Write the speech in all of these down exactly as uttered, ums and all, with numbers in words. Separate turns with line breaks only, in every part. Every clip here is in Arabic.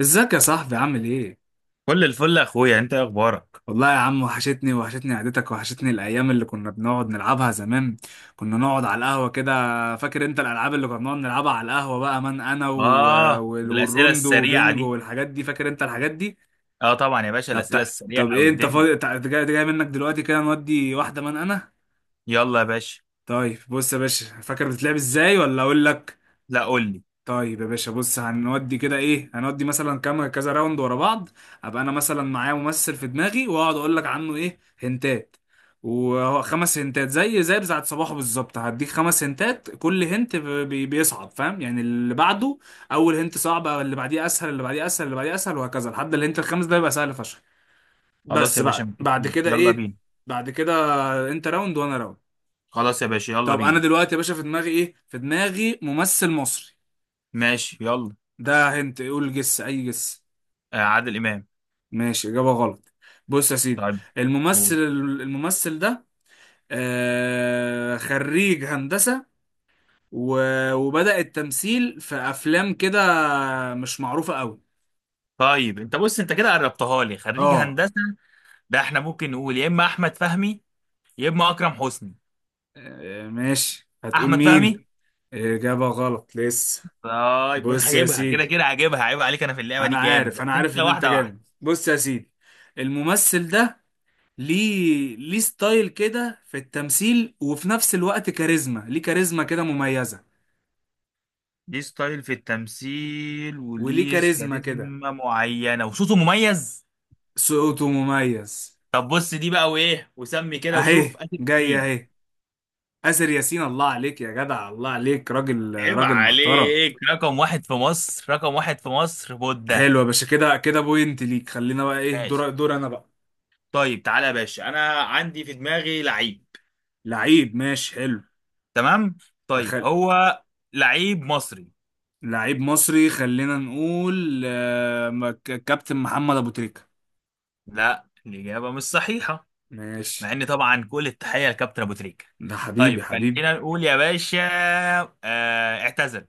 ازيك يا صاحبي عامل ايه؟
كل الفل يا اخويا، انت إيه اخبارك؟
والله يا عم، وحشتني وحشتني قعدتك، وحشتني الايام اللي كنا بنقعد نلعبها زمان، كنا نقعد على القهوة كده. فاكر انت الالعاب اللي كنا بنقعد نلعبها على القهوة بقى من انا و...
اه،
وال-
والاسئله
والروندو
السريعه
وبينجو
دي.
والحاجات دي؟ فاكر انت الحاجات دي؟
اه طبعا يا باشا،
طب
الاسئله
تع- طب
السريعه
ايه، انت
والدنيا.
فاضي؟ تع- جاي جاي منك دلوقتي كده نودي واحدة من انا؟
يلا يا باشا.
طيب بص يا باشا، فاكر بتتلعب ازاي ولا اقول لك؟
لا قول لي.
طيب يا باشا بص، هنودي كده، ايه، هنودي مثلا كام كذا راوند ورا بعض. ابقى انا مثلا معايا ممثل في دماغي، واقعد اقول لك عنه ايه هنتات، وهو خمس هنتات زي زي بتاعت صباحه بالظبط. هديك خمس هنتات، كل هنت بي بيصعب، فاهم، يعني اللي بعده. اول هنت صعب، اللي بعديه اسهل، اللي بعديه اسهل، اللي بعديه اسهل، وهكذا لحد الهنت الخامس ده يبقى سهل فشخ.
خلاص
بس
يا باشا
بعد بعد
متفقين،
كده
يلا
ايه؟
بينا.
بعد كده انت راوند وانا راوند.
خلاص يا باشا يلا
طب انا
بينا.
دلوقتي يا باشا في دماغي ايه؟ في دماغي ممثل مصري.
ماشي يلا.
ده هنت، قول جس، اي جس.
آه عادل امام.
ماشي، اجابه غلط. بص يا سيدي،
طيب
الممثل
قول.
الممثل ده آه خريج هندسه، و- وبدأ التمثيل في افلام كده، مش معروفه قوي.
طيب انت بص، انت كده قربتها لي، خريج
اه.
هندسه؟ ده احنا ممكن نقول يا اما احمد فهمي يا اما اكرم حسني.
آه، ماشي، هتقول
احمد فهمي.
مين؟ اجابه غلط لسه.
طيب
بص يا
هجيبها كده
سيدي،
كده هجيبها، عيب عليك، انا في اللعبه دي
انا
جامد،
عارف
بس
انا عارف
انت
ان انت
واحده واحده.
جامد. بص يا سيدي، الممثل ده ليه ليه ستايل كده في التمثيل، وفي نفس الوقت كاريزما، ليه كاريزما كده مميزة،
ليه ستايل في التمثيل
وليه
وليه
كاريزما كده،
كاريزما معينة وصوته مميز.
صوته مميز.
طب بص دي بقى، وإيه وسمي كده وشوف،
اهي
آسر
جاي
ياسين.
اهي. آسر ياسين، الله عليك يا جدع، الله عليك، راجل
عيب
راجل محترم.
عليك، رقم واحد في مصر، رقم واحد في مصر بودة.
حلو يا باشا، كده كده بوينت ليك. خلينا بقى ايه
ماشي.
دور دور انا بقى.
طيب تعالى يا باشا، أنا عندي في دماغي لعيب.
لعيب، ماشي حلو.
تمام. طيب
أخل...
هو لعيب مصري.
لعيب مصري، خلينا نقول آه، ك- كابتن محمد ابو تريكة.
لا الإجابة مش صحيحة. مع
ماشي.
إن طبعا كل التحية لكابتن أبو تريكة.
ده حبيبي
طيب
حبيبي.
خلينا نقول يا باشا، آه اعتزل.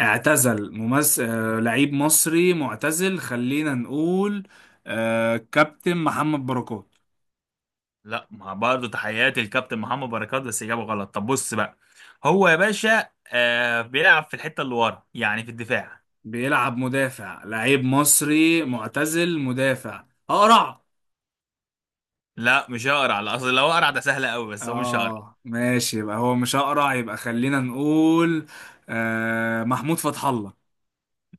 اعتزل ممثل. آه، لعيب مصري معتزل، خلينا نقول آه، كابتن محمد بركات.
لا، ما برضه تحياتي للكابتن محمد بركات، بس اجابه غلط. طب بص بقى، هو يا باشا آه بيلعب في الحته اللي ورا، يعني في الدفاع.
بيلعب مدافع، لعيب مصري معتزل مدافع اقرع.
لا مش هقرع، لا اصل لو اقرع ده سهل قوي، بس هو مش هقرع.
اه ماشي، يبقى هو مش اقرع، يبقى خلينا نقول آه، محمود فتح الله.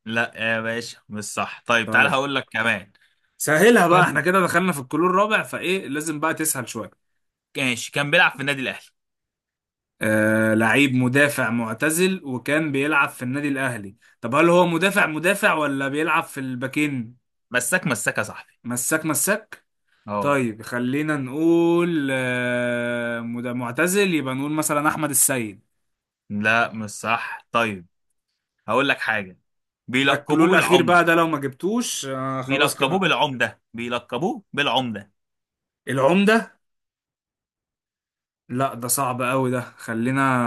لا يا باشا مش صح، طيب تعالى
طيب
هقول لك كمان.
سهلها بقى،
كم؟
احنا كده دخلنا في الكلور الرابع، فايه لازم بقى تسهل شوية.
ماشي كان بيلعب في النادي الاهلي.
آه، لعيب مدافع معتزل، وكان بيلعب في النادي الاهلي. طب هل هو مدافع مدافع، ولا بيلعب في الباكين؟
مساك مساك يا صاحبي.
مساك مساك.
اه.
طيب خلينا نقول آه، مد- معتزل، يبقى نقول مثلا احمد السيد.
لا مش صح، طيب هقول لك حاجه،
ده الكلو
بيلقبوه
الاخير بقى،
بالعمده،
ده لو ما جبتوش آه خلاص
بيلقبوه
كده.
بالعمده، بيلقبوه بالعمده.
العمده. لا ده صعب قوي ده، خلينا.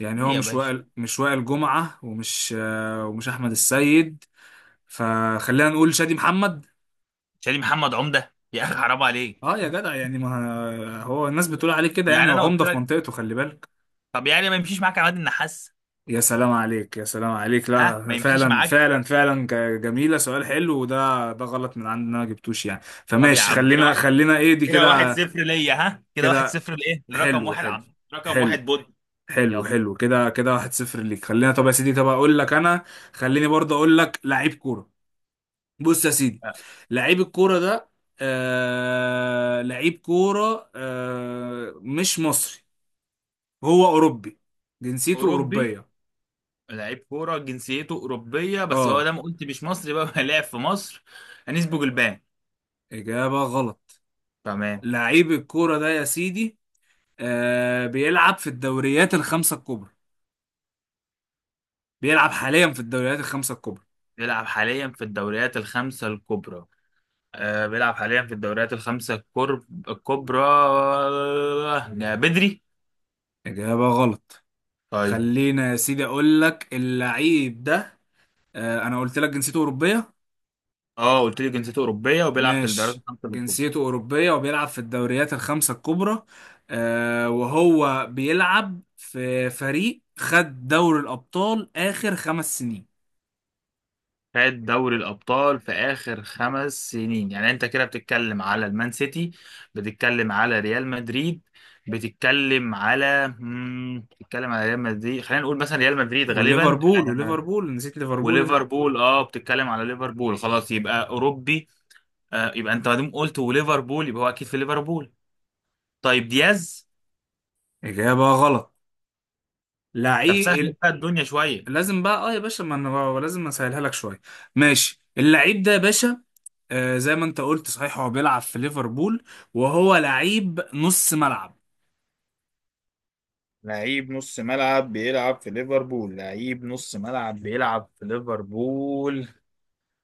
يعني
ايه
هو
يا
مش
باشا؟
وائل مش وائل جمعه، ومش آه، ومش احمد السيد، فخلينا نقول شادي محمد.
شاليه محمد عمده يا اخي، حرام
اه
عليك.
يا جدع، يعني ما هو الناس بتقول عليه كده، يعني
يعني انا قلت
وعمده في
لك،
منطقته، خلي بالك.
طب يعني ما يمشيش معاك عماد النحاس؟
يا سلام عليك، يا سلام عليك،
ها، ما
لا
يمشيش
فعلا
معاك.
فعلا فعلا، ج- جميلة، سؤال حلو وده. ده غلط من عندنا ما جبتوش يعني.
طب يا
فماشي،
عم كده
خلينا
واحد،
خلينا ايه دي
كده واحد
كده.
صفر ليا، ها كده واحد
كده
صفر لايه، لرقم
حلو
واحد
حلو
عم، رقم
حلو
واحد بود.
حلو
يلا.
حلو، كده كده واحد صفر ليك. خلينا، طب يا سيدي، طب اقول لك انا، خليني برضه اقول لك لعيب كورة. بص يا سيدي،
آه.
لعيب الكورة ده آه لعيب كورة، آه مش مصري، هو اوروبي، جنسيته
اوروبي.
اوروبية.
لعيب كوره جنسيته اوروبيه، بس هو
اه.
ده ما قلت مش مصري بقى لعب في مصر. نسبه جلبان.
اجابة غلط.
تمام.
لعيب الكورة ده يا سيدي، آه بيلعب في الدوريات الخمسة الكبرى، بيلعب حاليا في الدوريات الخمسة الكبرى.
بيلعب حاليا في الدوريات الخمسه الكبرى. آه بيلعب حاليا في الدوريات الخمسه الكرب- الكبرى، آه، بدري.
إجابة غلط.
طيب.
خلينا يا سيدي أقول لك اللعيب ده. آه، أنا قلت لك جنسيته أوروبية.
اه قلت لي جنسيته اوروبيه وبيلعب في الدوريات
ماشي،
الخمسه الكبرى،
جنسيته أوروبية وبيلعب في الدوريات الخمسة الكبرى. آه، وهو بيلعب في فريق خد دوري الأبطال آخر خمس سنين.
خد دوري الأبطال في آخر خمس سنين. يعني أنت كده بتتكلم على المان سيتي، بتتكلم على ريال مدريد، بتتكلم على مم... بتتكلم على ريال مدريد. خلينا نقول مثلا ريال مدريد غالبا.
وليفربول،
آه،
وليفربول، نسيت ليفربول أنت.
وليفربول. اه بتتكلم على ليفربول، خلاص يبقى أوروبي. آه يبقى أنت ما دام قلت وليفربول يبقى هو أكيد في ليفربول. طيب دياز.
إجابة غلط.
طب سهل
لعيب،
بقى الدنيا شوية.
لازم بقى اه يا باشا، ما انا بقى لازم اسهلها لك شويه. ماشي، اللعيب ده يا باشا، آه زي ما انت قلت صحيح، هو بيلعب في ليفربول، وهو لعيب نص ملعب.
لعيب نص ملعب بيلعب في ليفربول، لعيب نص ملعب بيلعب في ليفربول.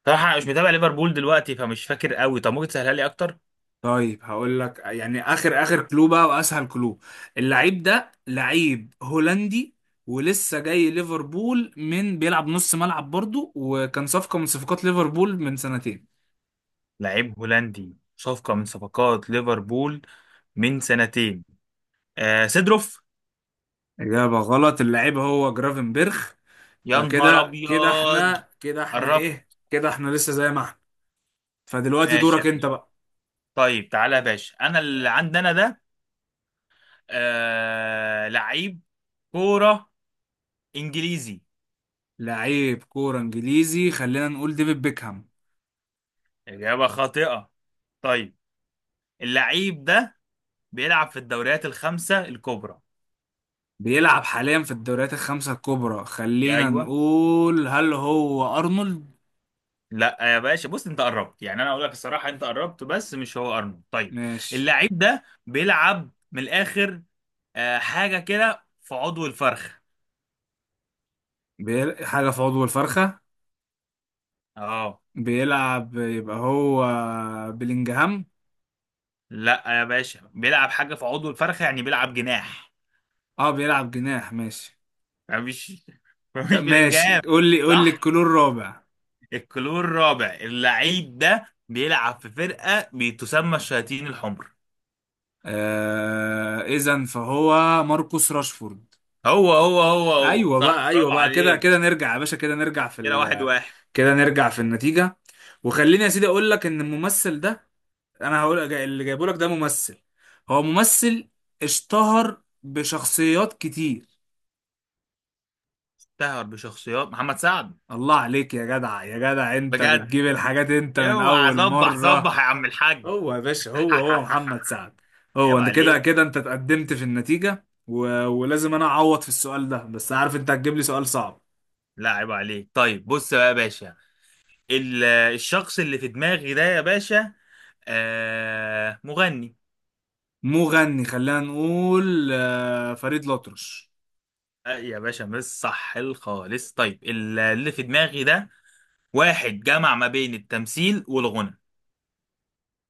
صراحة أنا مش متابع ليفربول دلوقتي فمش فاكر قوي، طب ممكن تسهلها لي أكتر؟
طيب هقول لك يعني اخر اخر كلو بقى، واسهل كلو. اللعيب ده لعيب هولندي، ولسه جاي ليفربول، من بيلعب نص ملعب برضو، وكان صفقه من صفقات ليفربول من سنتين.
لعيب هولندي، صفقة من صفقات ليفربول من سنتين. آه سيدروف.
اجابه غلط، اللعيب هو جرافنبرخ.
يا نهار
فكده كده
أبيض.
احنا، كده احنا
قربت.
ايه، كده احنا لسه زي ما احنا. فدلوقتي
ماشي يا
دورك انت
باشا.
بقى.
طيب تعالى يا باشا، أنا اللي عندنا ده آه لعيب كورة إنجليزي.
لعيب كورة انجليزي، خلينا نقول ديفيد بيكهام.
إجابة خاطئة. طيب، اللعيب ده بيلعب في الدوريات الخمسة الكبرى.
بيلعب حاليا في الدوريات الخمسة الكبرى، خلينا
أيوه.
نقول هل هو أرنولد؟
لا يا باشا بص، انت قربت، يعني انا اقول لك الصراحه انت قربت بس مش هو ارنولد. طيب،
ماشي.
اللعيب ده بيلعب من الاخر، آه، حاجه كده في عضو الفرخ.
بيل... حاجة في عضو الفرخة،
اه.
بيلعب يبقى هو بلينجهام.
لا يا باشا بيلعب حاجه في عضو الفرخ يعني بيلعب جناح.
اه بيلعب جناح، ماشي.
مش
ك-
مش
ماشي،
بلنجهام.
قول لي قول لي
صح،
الكلور الرابع.
الكلور الرابع، اللعيب ده بيلعب في فرقه بتسمى الشياطين الحمر.
آه... اذا فهو ماركوس راشفورد.
هو هو هو هو
ايوه
صح،
بقى، ايوه
برافو
بقى، كده
عليك.
كده نرجع يا باشا. كده نرجع في
كده واحد
ال
واحد.
كده نرجع في النتيجه. وخليني يا سيدي اقول لك ان الممثل ده، انا هقول جاي- اللي جايبه لك ده ممثل، هو ممثل اشتهر بشخصيات كتير.
تهر بشخصيات محمد سعد.
الله عليك يا جدع، يا جدع، انت
بجد،
بتجيب الحاجات انت من
اوعى
اول
صبح
مره.
صبح يا عم الحاج.
هو يا باشا، هو هو محمد سعد. هو
عيب
انت كده
عليك.
كده انت اتقدمت في النتيجه و... ولازم انا اعوض في السؤال ده، بس عارف انت هتجيب لي سؤال صعب.
لا عيب عليك. طيب بص بقى يا باشا، ال- الشخص اللي في دماغي ده يا باشا آه مغني.
مو غني، خلينا نقول آه، فريد الأطرش.
آه يا باشا مش صح الخالص. طيب ال- اللي في دماغي ده واحد جمع ما بين التمثيل والغنى.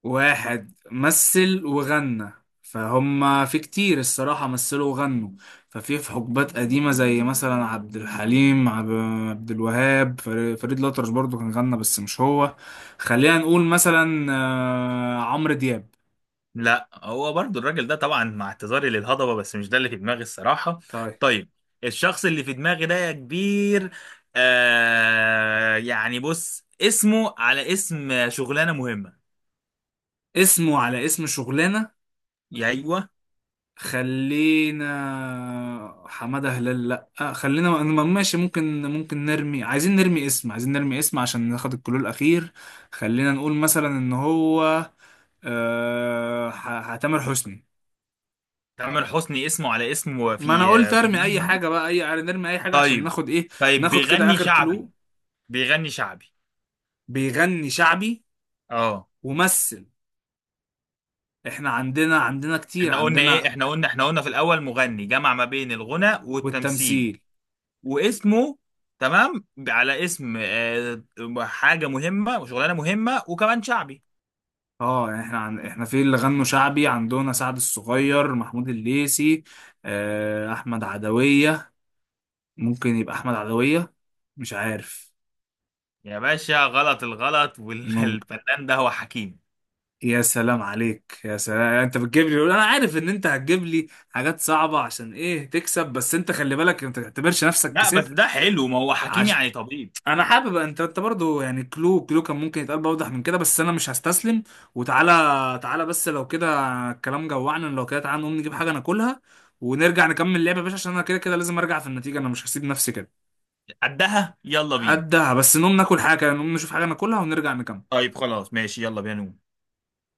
واحد مثل وغنى، فهم في كتير الصراحة مثلوا وغنوا، ففي في حقبات قديمة زي مثلا عبد الحليم، عب- عبد الوهاب، فر- فريد الأطرش برضو كان غنى بس مش هو. خلينا نقول مثلا آه، عمرو دياب.
لا هو برضو الراجل ده طبعا، مع اعتذاري للهضبة، بس مش ده اللي في دماغي الصراحة.
طيب.
طيب. الشخص اللي في دماغي ده يا كبير، آه يعني بص اسمه على اسم شغلانة مهمة.
اسمه على اسم شغلانة.
يا ايوه.
خلينا، حمادة هلال، لا. آه، خلينا م- ماشي، ممكن ممكن نرمي، عايزين نرمي اسم عايزين نرمي اسم عشان ناخد الكلو الأخير. خلينا نقول مثلا إن هو آه، ح- ح- تامر حسني.
تامر حسني اسمه على اسمه
ما أنا
في
قلت
آه، في
أرمي
شغلانة
أي
مهمة.
حاجة بقى، أي يعني، نرمي أي حاجة عشان
طيب.
ناخد إيه،
طيب
ناخد كده
بيغني
آخر
شعبي.
كلو.
بيغني شعبي.
بيغني شعبي
اه.
وممثل. إحنا عندنا، عندنا كتير
احنا قلنا ايه،
عندنا.
احنا قلنا، احنا قلنا في الاول مغني جمع ما بين الغنى والتمثيل
والتمثيل.
واسمه، تمام، على اسم آه، حاجة مهمة وشغلانة مهمة وكمان شعبي.
اه يعني احنا عن... احنا في اللي غنوا شعبي عندنا سعد الصغير، محمود الليثي، آه، احمد عدوية. ممكن يبقى احمد عدوية، مش عارف.
يا باشا غلط الغلط،
ممكن.
والفنان ده هو حكيم.
يا سلام عليك، يا سلام. يعني انت بتجيب لي، انا عارف ان انت هتجيب لي حاجات صعبة عشان ايه تكسب، بس انت خلي بالك انت ما تعتبرش نفسك
لا بس
كسبت.
ده حلو، ما هو حكيم
عش...
يعني طبيب.
انا حابب، انت انت برضو، يعني كلو كلو كان ممكن يتقال بأوضح من كده، بس انا مش هستسلم. وتعالى، تعالى بس لو كده، الكلام جوعنا. لو كده تعالى نقوم نجيب حاجه ناكلها، ونرجع نكمل لعبه يا باشا، عشان انا كده كده لازم ارجع في النتيجه، انا مش هسيب نفسي كده.
قدها يلا بينا.
قدها، بس نقوم ناكل حاجه، نقوم نشوف حاجه ناكلها ونرجع نكمل.
طيب خلاص ماشي، يلا بينا نقوم.